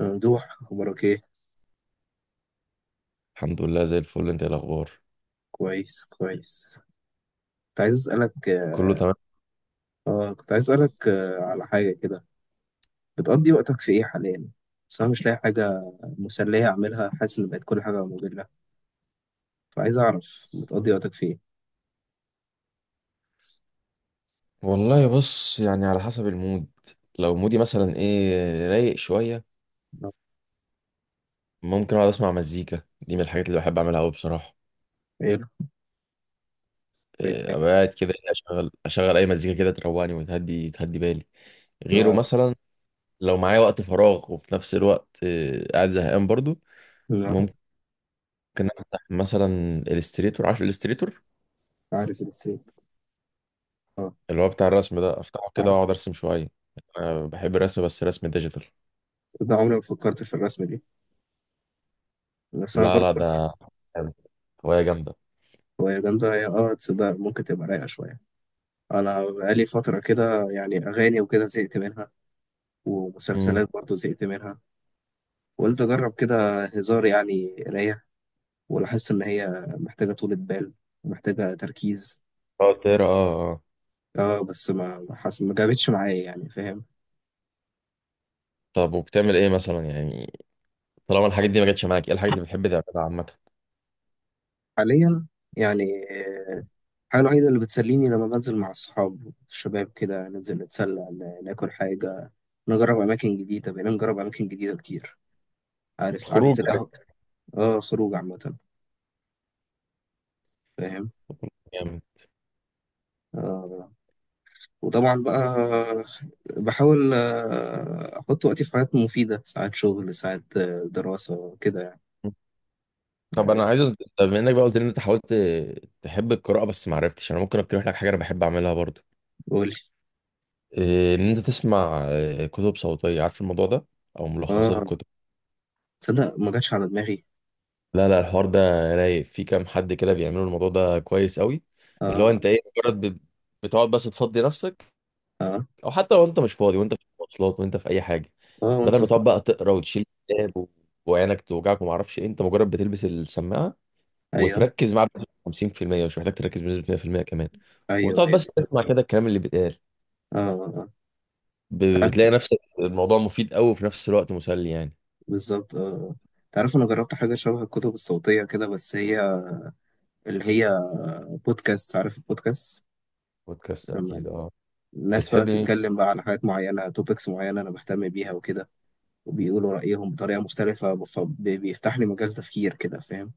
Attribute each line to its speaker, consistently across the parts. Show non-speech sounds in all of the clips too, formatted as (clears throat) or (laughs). Speaker 1: ممدوح، أخبارك إيه؟
Speaker 2: الحمد لله، زي الفل. انت ايه الاخبار؟
Speaker 1: كويس كويس. كنت عايز أسألك
Speaker 2: كله تمام.
Speaker 1: كنت عايز أسألك على حاجة كده. بتقضي وقتك في إيه حاليا؟ بس أنا مش لاقي حاجة مسلية أعملها، حاسس إن بقت كل حاجة مملة، فعايز أعرف بتقضي وقتك في إيه؟
Speaker 2: والله بص، يعني على حسب المود. لو مودي مثلا ايه، رايق شويه،
Speaker 1: آه.
Speaker 2: ممكن اقعد اسمع مزيكا. دي من الحاجات اللي بحب اعملها قوي بصراحه.
Speaker 1: إيه الهوايات
Speaker 2: إيه،
Speaker 1: يعني؟
Speaker 2: ابقى قاعد كده إيه، اشغل اشغل اي مزيكا كده تروقني وتهدي تهدي بالي. غيره
Speaker 1: لا-
Speaker 2: مثلا لو معايا وقت فراغ وفي نفس الوقت إيه، قاعد زهقان برضو،
Speaker 1: لا.
Speaker 2: ممكن افتح مثلا الستريتور. عارف الستريتور؟
Speaker 1: عارف الرسم؟ آه
Speaker 2: اللي هو بتاع الرسم ده، افتحه كده
Speaker 1: عارف.
Speaker 2: واقعد ارسم شويه. انا بحب الرسم بس رسم ديجيتال.
Speaker 1: ده عمري ما فكرت في الرسم دي، بس أنا
Speaker 2: لا
Speaker 1: برضه
Speaker 2: لا،
Speaker 1: بس.
Speaker 2: ده هواية جامدة.
Speaker 1: هواية جامدة هي، تصدق ممكن تبقى رايقة شوية. أنا بقالي فترة كده، يعني أغاني وكده زهقت منها،
Speaker 2: امم.
Speaker 1: ومسلسلات برضه زهقت منها، وقلت أجرب كده هزار يعني قراية، ولاحظت إن هي محتاجة طولة بال ومحتاجة تركيز.
Speaker 2: اه، تقرا، اه اه.
Speaker 1: اه، بس ما جابتش معايا، يعني فاهم.
Speaker 2: طب وبتعمل ايه مثلا يعني؟ طالما الحاجات دي ما جاتش معاك، ايه الحاجات اللي بتحب تعملها عامة؟
Speaker 1: حاليا يعني، آه، الحاجة الوحيدة اللي بتسليني لما بنزل مع الصحاب الشباب كده، ننزل نتسلى، ناكل حاجة، نجرب أماكن جديدة، بقينا نجرب أماكن جديدة كتير. عارف قعدة
Speaker 2: الخروج يعني.
Speaker 1: القهوة. اه خروج عامة، فاهم.
Speaker 2: يعني.
Speaker 1: آه، وطبعا بقى بحاول احط وقتي في حاجات مفيده، ساعات شغل، ساعات دراسه كده يعني.
Speaker 2: طب
Speaker 1: عارف.
Speaker 2: انا عايز أز- طب بما انك بقى قلت لي ان انت حاولت تحب القراءة بس ما عرفتش، انا ممكن اقترح لك حاجة انا بحب اعملها برضو.
Speaker 1: قولي.
Speaker 2: إيه، ان انت تسمع كتب صوتية. عارف الموضوع ده؟ او ملخصات
Speaker 1: اه
Speaker 2: الكتب.
Speaker 1: تصدق ما جاتش على دماغي.
Speaker 2: لا لا، الحوار ده رايق. في كام حد كده بيعملوا الموضوع ده كويس قوي. اللي هو
Speaker 1: اه
Speaker 2: انت ايه مجرد بتقعد بس تفضي نفسك.
Speaker 1: اه
Speaker 2: او حتى لو انت مش فاضي، وانت في المواصلات وانت في اي حاجه،
Speaker 1: اه،
Speaker 2: بدل
Speaker 1: وانت
Speaker 2: ما
Speaker 1: في
Speaker 2: تقعد
Speaker 1: مصر.
Speaker 2: بقى تقرا وتشيل كتاب وعينك توجعك وما اعرفش ايه، انت مجرد بتلبس السماعه
Speaker 1: ايوه
Speaker 2: وتركز معاه بنسبة 50%، مش محتاج تركز بنسبه 100% كمان.
Speaker 1: ايوه
Speaker 2: وتقعد
Speaker 1: ايوه.
Speaker 2: بس تسمع كده الكلام اللي بيتقال.
Speaker 1: اه آه. تعرف،
Speaker 2: بتلاقي نفسك الموضوع مفيد قوي وفي نفس الوقت مسلي يعني.
Speaker 1: بالظبط اه. تعرف، انا جربت حاجه شبه الكتب الصوتيه كده، بس هي اللي هي بودكاست، عارف البودكاست؟
Speaker 2: بودكاست
Speaker 1: لما
Speaker 2: اكيد، اه.
Speaker 1: الناس بقى
Speaker 2: بتحبي مين؟
Speaker 1: تتكلم بقى على حاجات معينه، توبكس معينه انا بهتم بيها وكده، وبيقولوا رأيهم بطريقة مختلفة، فبيفتح لي مجال تفكير كده، فاهم.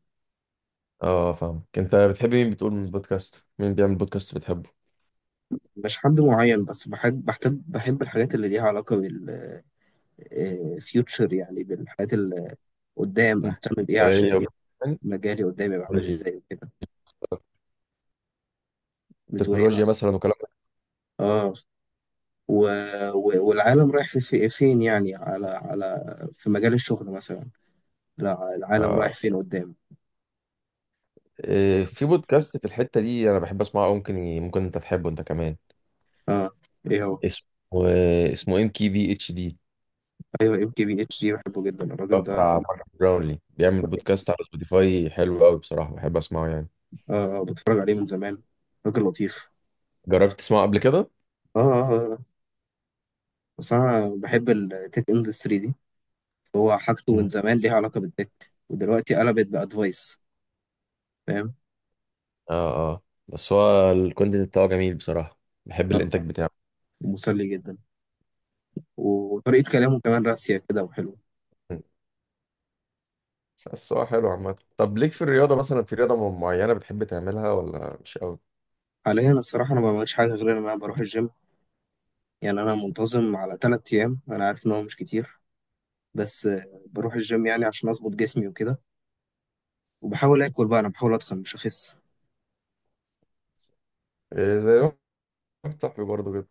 Speaker 2: اه، فاهمك. انت بتحبي مين بتقول من البودكاست؟ مين بيعمل بودكاست بتحبه؟
Speaker 1: مش حد معين، بس بحب الحاجات اللي ليها علاقة بالفيوتشر، يعني بالحاجات اللي قدام أهتم بإيه، عشان
Speaker 2: تكنولوجيا.
Speaker 1: مجالي قدام يبقى عامل إزاي وكده. بتقول إيه؟
Speaker 2: تكنولوجيا مثلا،
Speaker 1: آه، و... والعالم رايح فين يعني، على على في مجال الشغل مثلا. لا، العالم
Speaker 2: وكلام.
Speaker 1: رايح فين قدام.
Speaker 2: في بودكاست في الحتة دي انا بحب اسمعه أوي، ممكن ممكن انت تحبه انت كمان.
Speaker 1: آه. إيه هو؟
Speaker 2: اسمه اسمه MKBHD.
Speaker 1: أيوه، MKBHD، بحبه جدا الراجل ده.
Speaker 2: بتاع مارك براونلي. بيعمل بودكاست على سبوتيفاي حلو قوي بصراحة، بحب اسمعه يعني.
Speaker 1: آه، بتفرج عليه من زمان، راجل لطيف.
Speaker 2: جربت تسمعه قبل كده؟
Speaker 1: آه آه آه. آه. بس أنا بحب التك اندستري دي، هو حاجته من
Speaker 2: مم.
Speaker 1: زمان ليها علاقة بالتك، ودلوقتي قلبت بأدفايس، فاهم.
Speaker 2: اه اه، بس هو الكونتنت بتاعه جميل بصراحة. بحب الانتاج بتاعه.
Speaker 1: مسلي جدا، وطريقة كلامه كمان راسية كده وحلوة.
Speaker 2: مم. بس هو حلو عامة. طب ليك في الرياضة مثلا، في رياضة معينة بتحب تعملها ولا مش قوي؟
Speaker 1: حاليا الصراحة أنا ما بعملش حاجة غير إن أنا بروح الجيم، يعني أنا منتظم على 3 أيام، أنا عارف إن هو مش كتير، بس بروح الجيم يعني عشان أظبط جسمي وكده، وبحاول آكل بقى، أنا بحاول أتخن مش أخس.
Speaker 2: إيه، زي ما واحد صاحبي برضه كده.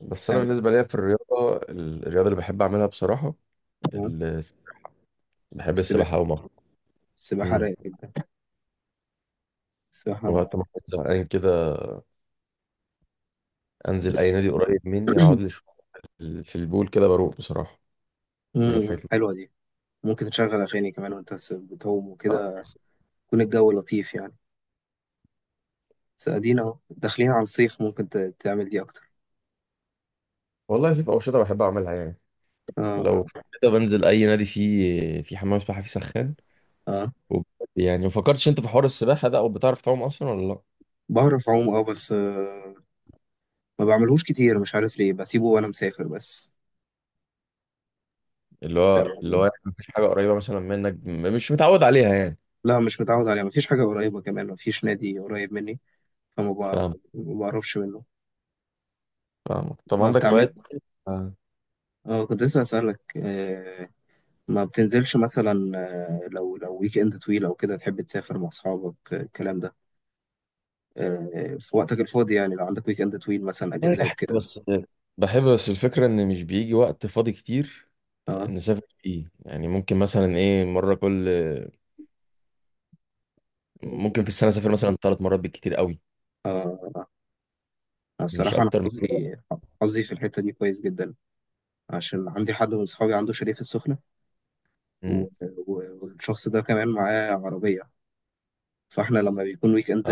Speaker 2: بس انا
Speaker 1: تمام.
Speaker 2: بالنسبة ليا في الرياضة اللي بحب اعملها بصراحة،
Speaker 1: تمام.
Speaker 2: بحب
Speaker 1: السباحة.
Speaker 2: السباحة أوي مرة.
Speaker 1: السباحة
Speaker 2: امم.
Speaker 1: رايقة جدا. السباحة
Speaker 2: وقت ما كنت زهقان كده، أنزل
Speaker 1: بس
Speaker 2: أي نادي قريب مني أقعد لي
Speaker 1: (clears throat)
Speaker 2: شوية في البول كده، بروق بصراحة. دي من الحاجات
Speaker 1: مم،
Speaker 2: اللي
Speaker 1: حلوة دي. ممكن تشغل أغاني كمان وأنت بتعوم
Speaker 2: آه،
Speaker 1: وكده، يكون الجو لطيف يعني. بس ادينا اهو داخلين على الصيف، ممكن تعمل دي اكتر.
Speaker 2: والله في أنشطة بحب أعملها يعني. لو
Speaker 1: اه
Speaker 2: (laughs) كده بنزل أي نادي فيه في حمام سباحة فيه سخان
Speaker 1: اه.
Speaker 2: وب- يعني ما فكرتش أنت في حوار السباحة ده؟ أو بتعرف تعوم أصلا ولا لأ؟
Speaker 1: بعرف اعوم، اه بس آه ما بعملهوش كتير، مش عارف ليه بسيبه وانا مسافر بس.
Speaker 2: اللي
Speaker 1: فاهم
Speaker 2: هو اللي
Speaker 1: قصدي؟
Speaker 2: هو يعني مفيش حاجة قريبة مثلا منك، مش متعود عليها يعني؟
Speaker 1: لا مش متعود عليه، مفيش حاجة قريبة كمان، مفيش نادي قريب مني. فما
Speaker 2: فاهم
Speaker 1: بع- ما بعرفش منه.
Speaker 2: فاهم. طب
Speaker 1: ما
Speaker 2: عندك
Speaker 1: بتعمل.
Speaker 2: هوايات؟ آه.
Speaker 1: اه كنت لسه اسألك، ما بتنزلش مثلا، لو ويك اند طويل او كده تحب تسافر مع اصحابك، الكلام ده، في وقتك الفاضي يعني، لو عندك ويك اند طويل مثلا
Speaker 2: طيب
Speaker 1: اجازات
Speaker 2: بحب
Speaker 1: كده.
Speaker 2: بس بحب بس الفكرة إن مش بيجي وقت فاضي كتير
Speaker 1: اه.
Speaker 2: نسافر فيه يعني. ممكن مثلا ايه مرة كل ممكن في السنة اسافر مثلا 3 مرات بالكتير قوي،
Speaker 1: آه.
Speaker 2: مش
Speaker 1: الصراحة أنا
Speaker 2: اكتر من كده.
Speaker 1: حظي في الحتة دي كويس جدا، عشان عندي حد من صحابي عنده شاليه في السخنة، و...
Speaker 2: مم.
Speaker 1: و... والشخص ده كمان معاه عربية، فاحنا لما بيكون ويك اند
Speaker 2: اه.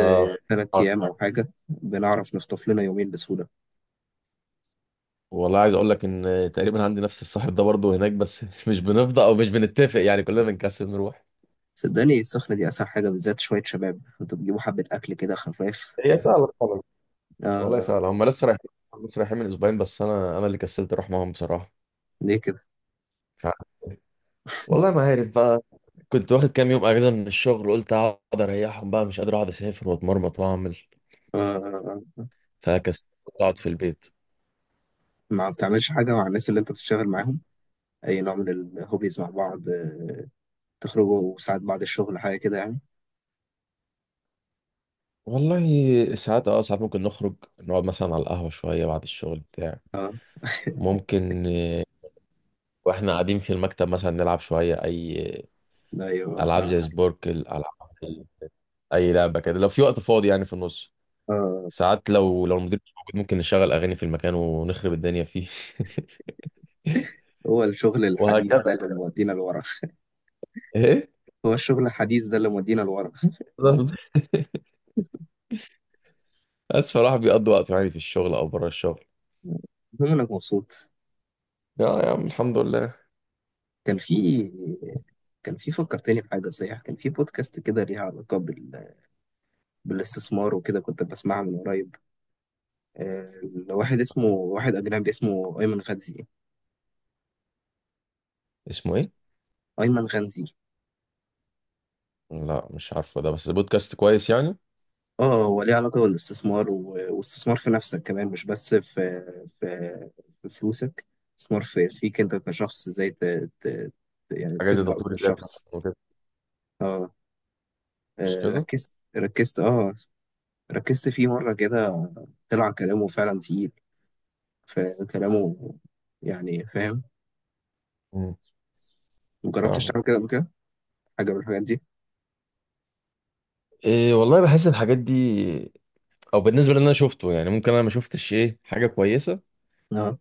Speaker 1: 3 أيام
Speaker 2: آه.
Speaker 1: أو حاجة، بنعرف نخطف لنا يومين بسهولة.
Speaker 2: والله عايز اقول لك ان تقريبا عندي نفس الصاحب ده برضه هناك، بس (laughs) مش بنفضى او مش بنتفق يعني، كلنا بنكسل نروح.
Speaker 1: صدقني السخنة دي أسهل حاجة، بالذات شوية شباب انتوا بتجيبوا حبة أكل كده خفاف.
Speaker 2: هي سهلة طبعا. والله
Speaker 1: آه.
Speaker 2: سهلة. هم لسه رايحين من اسبوعين، بس انا اللي كسلت اروح معاهم بصراحة.
Speaker 1: ليه كده؟
Speaker 2: مش عارف. والله ما عارف بقى. كنت واخد كام يوم اجازة من الشغل، قلت اقعد اريحهم بقى. مش قادر اقعد اسافر واتمرمط واعمل،
Speaker 1: آه.
Speaker 2: فكسلت اقعد في البيت.
Speaker 1: ما بتعملش حاجة مع الناس اللي انت بتشتغل معاهم، أي نوع من الهوبيز مع بعض، تخرجوا ساعات بعد الشغل حاجة كده يعني.
Speaker 2: والله ساعات، اه، ساعات ممكن نخرج نقعد مثلا على القهوة شوية بعد الشغل بتاع.
Speaker 1: اه
Speaker 2: ممكن واحنا قاعدين في المكتب مثلا نلعب شوية أي
Speaker 1: ايوه
Speaker 2: ألعاب
Speaker 1: فاهم.
Speaker 2: زي سبوركل. ألعاب، أي لعبة كده لو في وقت فاضي يعني في النص.
Speaker 1: آه.
Speaker 2: ساعات لو المدير مش موجود، ممكن نشغل أغاني في المكان ونخرب الدنيا فيه. (laughs)
Speaker 1: هو الشغل الحديث
Speaker 2: وهكذا.
Speaker 1: ده اللي مودينا لورا.
Speaker 2: إيه؟
Speaker 1: هو الشغل الحديث ده اللي مودينا لورا.
Speaker 2: بالظبط. (laughs) بس فالواحد بيقضي وقته يعني في الشغل أو بره الشغل.
Speaker 1: المهم انك مبسوط.
Speaker 2: يا عم، الحمد لله.
Speaker 1: كان في كان في فكرتني بحاجة صحيح، كان في بودكاست كده ليها علاقة بال... بالاستثمار وكده، كنت بسمعها من قريب، لواحد اسمه، واحد أجنبي اسمه أيمن غنزي.
Speaker 2: اسمه إيه؟
Speaker 1: أيمن غنزي.
Speaker 2: لا مش عارفه ده، بس بودكاست كويس يعني؟
Speaker 1: اه، هو ليه علاقة بالاستثمار واستثمار في نفسك كمان، مش بس في في, في فلوسك، استثمار في فيك انت كشخص، ازاي ت... يعني
Speaker 2: حاجة زي
Speaker 1: تكبر
Speaker 2: تطوير الذات
Speaker 1: كشخص.
Speaker 2: مثلا،
Speaker 1: اه.
Speaker 2: مش
Speaker 1: آه،
Speaker 2: كده؟
Speaker 1: ركزت ركزت اه ركزت فيه مرة كده، طلع كلامه فعلا تقيل، فكلامه يعني فاهم.
Speaker 2: مم،
Speaker 1: مجربتش
Speaker 2: فاهمك.
Speaker 1: تعمل كده قبل كده حاجة من الحاجات دي؟
Speaker 2: إيه، والله بحس الحاجات دي، او بالنسبه للي انا شفته يعني، ممكن انا ما شفتش ايه حاجه كويسه
Speaker 1: اه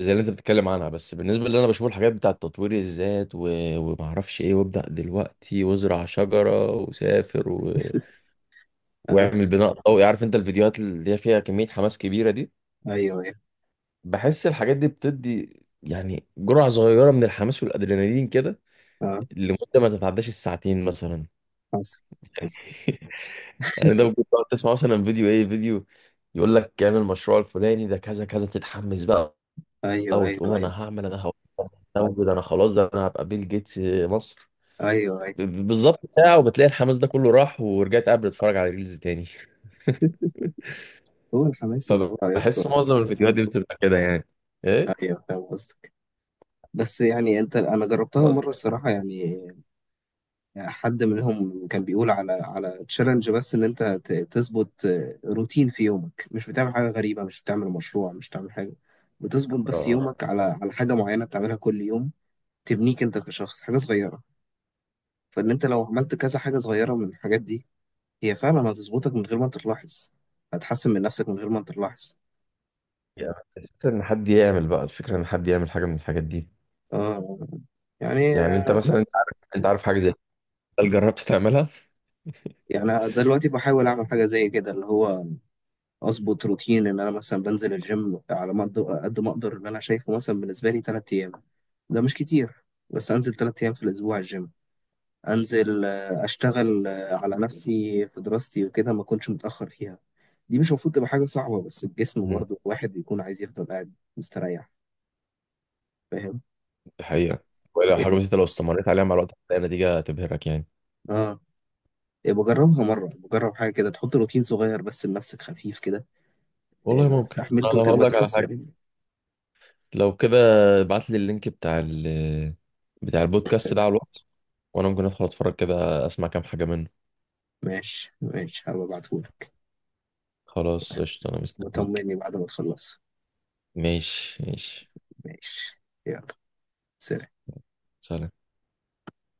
Speaker 2: زي اللي انت بتتكلم عنها، بس بالنسبه للي انا بشوف، الحاجات بتاعه تطوير الذات و وما اعرفش ايه، وابدا دلوقتي وازرع شجره وسافر و
Speaker 1: (laughs) اه.
Speaker 2: واعمل بناء ضوئي. عارف انت الفيديوهات اللي هي فيها كميه حماس كبيره دي؟
Speaker 1: ايوه ايوه
Speaker 2: بحس الحاجات دي بتدي يعني جرعه صغيره من الحماس والادرينالين كده،
Speaker 1: اه.
Speaker 2: لمده ما تتعداش الساعتين مثلا.
Speaker 1: حصل. حصل
Speaker 2: (laughs) يعني ده ممكن
Speaker 1: (laughs)
Speaker 2: تقعد تسمع مثلا فيديو، ايه فيديو يقول لك اعمل المشروع الفلاني ده كذا كذا، تتحمس بقى
Speaker 1: ايوه ايوه
Speaker 2: وتقوم،
Speaker 1: ايوه.
Speaker 2: انا هعمل، انا هقوم، ده انا خلاص، ده انا هبقى بيل جيتس مصر.
Speaker 1: ايوه ايوه.
Speaker 2: بالظبط، ساعة وبتلاقي الحماس ده كله راح، ورجعت قبل اتفرج على ريلز تاني.
Speaker 1: هو الحماس اللي هو يا
Speaker 2: فبحس
Speaker 1: اسطى.
Speaker 2: معظم الفيديوهات دي بتبقى كده يعني. ايه
Speaker 1: ايوه فاهم قصدك. بس يعني انت، انا جربتها
Speaker 2: معظم
Speaker 1: مرة الصراحة يعني، يعني حد منهم كان بيقول على تشالنج، بس ان انت تظبط روتين في يومك، مش بتعمل حاجه غريبه، مش بتعمل مشروع، مش بتعمل حاجه، بتظبط بس
Speaker 2: آه.
Speaker 1: يومك على حاجه معينه بتعملها كل يوم، تبنيك انت كشخص حاجه صغيره، فان انت لو عملت كذا حاجه صغيره من الحاجات دي، هي فعلا هتظبطك من غير ما انت تلاحظ، هتحسن من نفسك من غير ما انت تلاحظ.
Speaker 2: يعني الفكرة ان حد يعمل حاجة من الحاجات دي.
Speaker 1: آه. يعني،
Speaker 2: يعني انت مثلا، انت عارف حاجة زي كده، هل جربت تعملها؟
Speaker 1: يعني أنا
Speaker 2: (laughs)
Speaker 1: دلوقتي بحاول اعمل حاجه زي كده اللي هو، اظبط روتين ان انا مثلا بنزل الجيم على ما أقدر- قد ما اقدر، اللي انا شايفه مثلا بالنسبه لي 3 ايام، ده مش كتير، بس انزل 3 ايام في الاسبوع الجيم، انزل اشتغل على نفسي في دراستي وكده ما اكونش متاخر فيها، دي مش المفروض تبقى حاجه صعبه، بس الجسم
Speaker 2: مم.
Speaker 1: برضه الواحد بيكون عايز يفضل قاعد مستريح، فاهم.
Speaker 2: دي حقيقة، ولا
Speaker 1: إيه
Speaker 2: حاجة بسيطة لو استمريت عليها مع الوقت هتلاقي نتيجة تبهرك يعني.
Speaker 1: اه. إيه بجربها مره، بجرب حاجه كده تحط روتين صغير بس لنفسك خفيف كده. إيه
Speaker 2: والله
Speaker 1: لو
Speaker 2: ممكن
Speaker 1: استحملته
Speaker 2: أنا هقول
Speaker 1: تبقى
Speaker 2: لك على
Speaker 1: تحسن
Speaker 2: حاجة.
Speaker 1: منه.
Speaker 2: لو كده، ابعت لي اللينك بتاع البودكاست ده على الواتس، وأنا ممكن أدخل أتفرج كده أسمع كام حاجة منه.
Speaker 1: ماشي ماشي، هبقى ابعتهولك.
Speaker 2: خلاص قشطة، أنا مستنيك.
Speaker 1: وطمني بعد ما تخلص.
Speaker 2: ماشي ماشي.
Speaker 1: ماشي. يلا. سلام.
Speaker 2: سلام.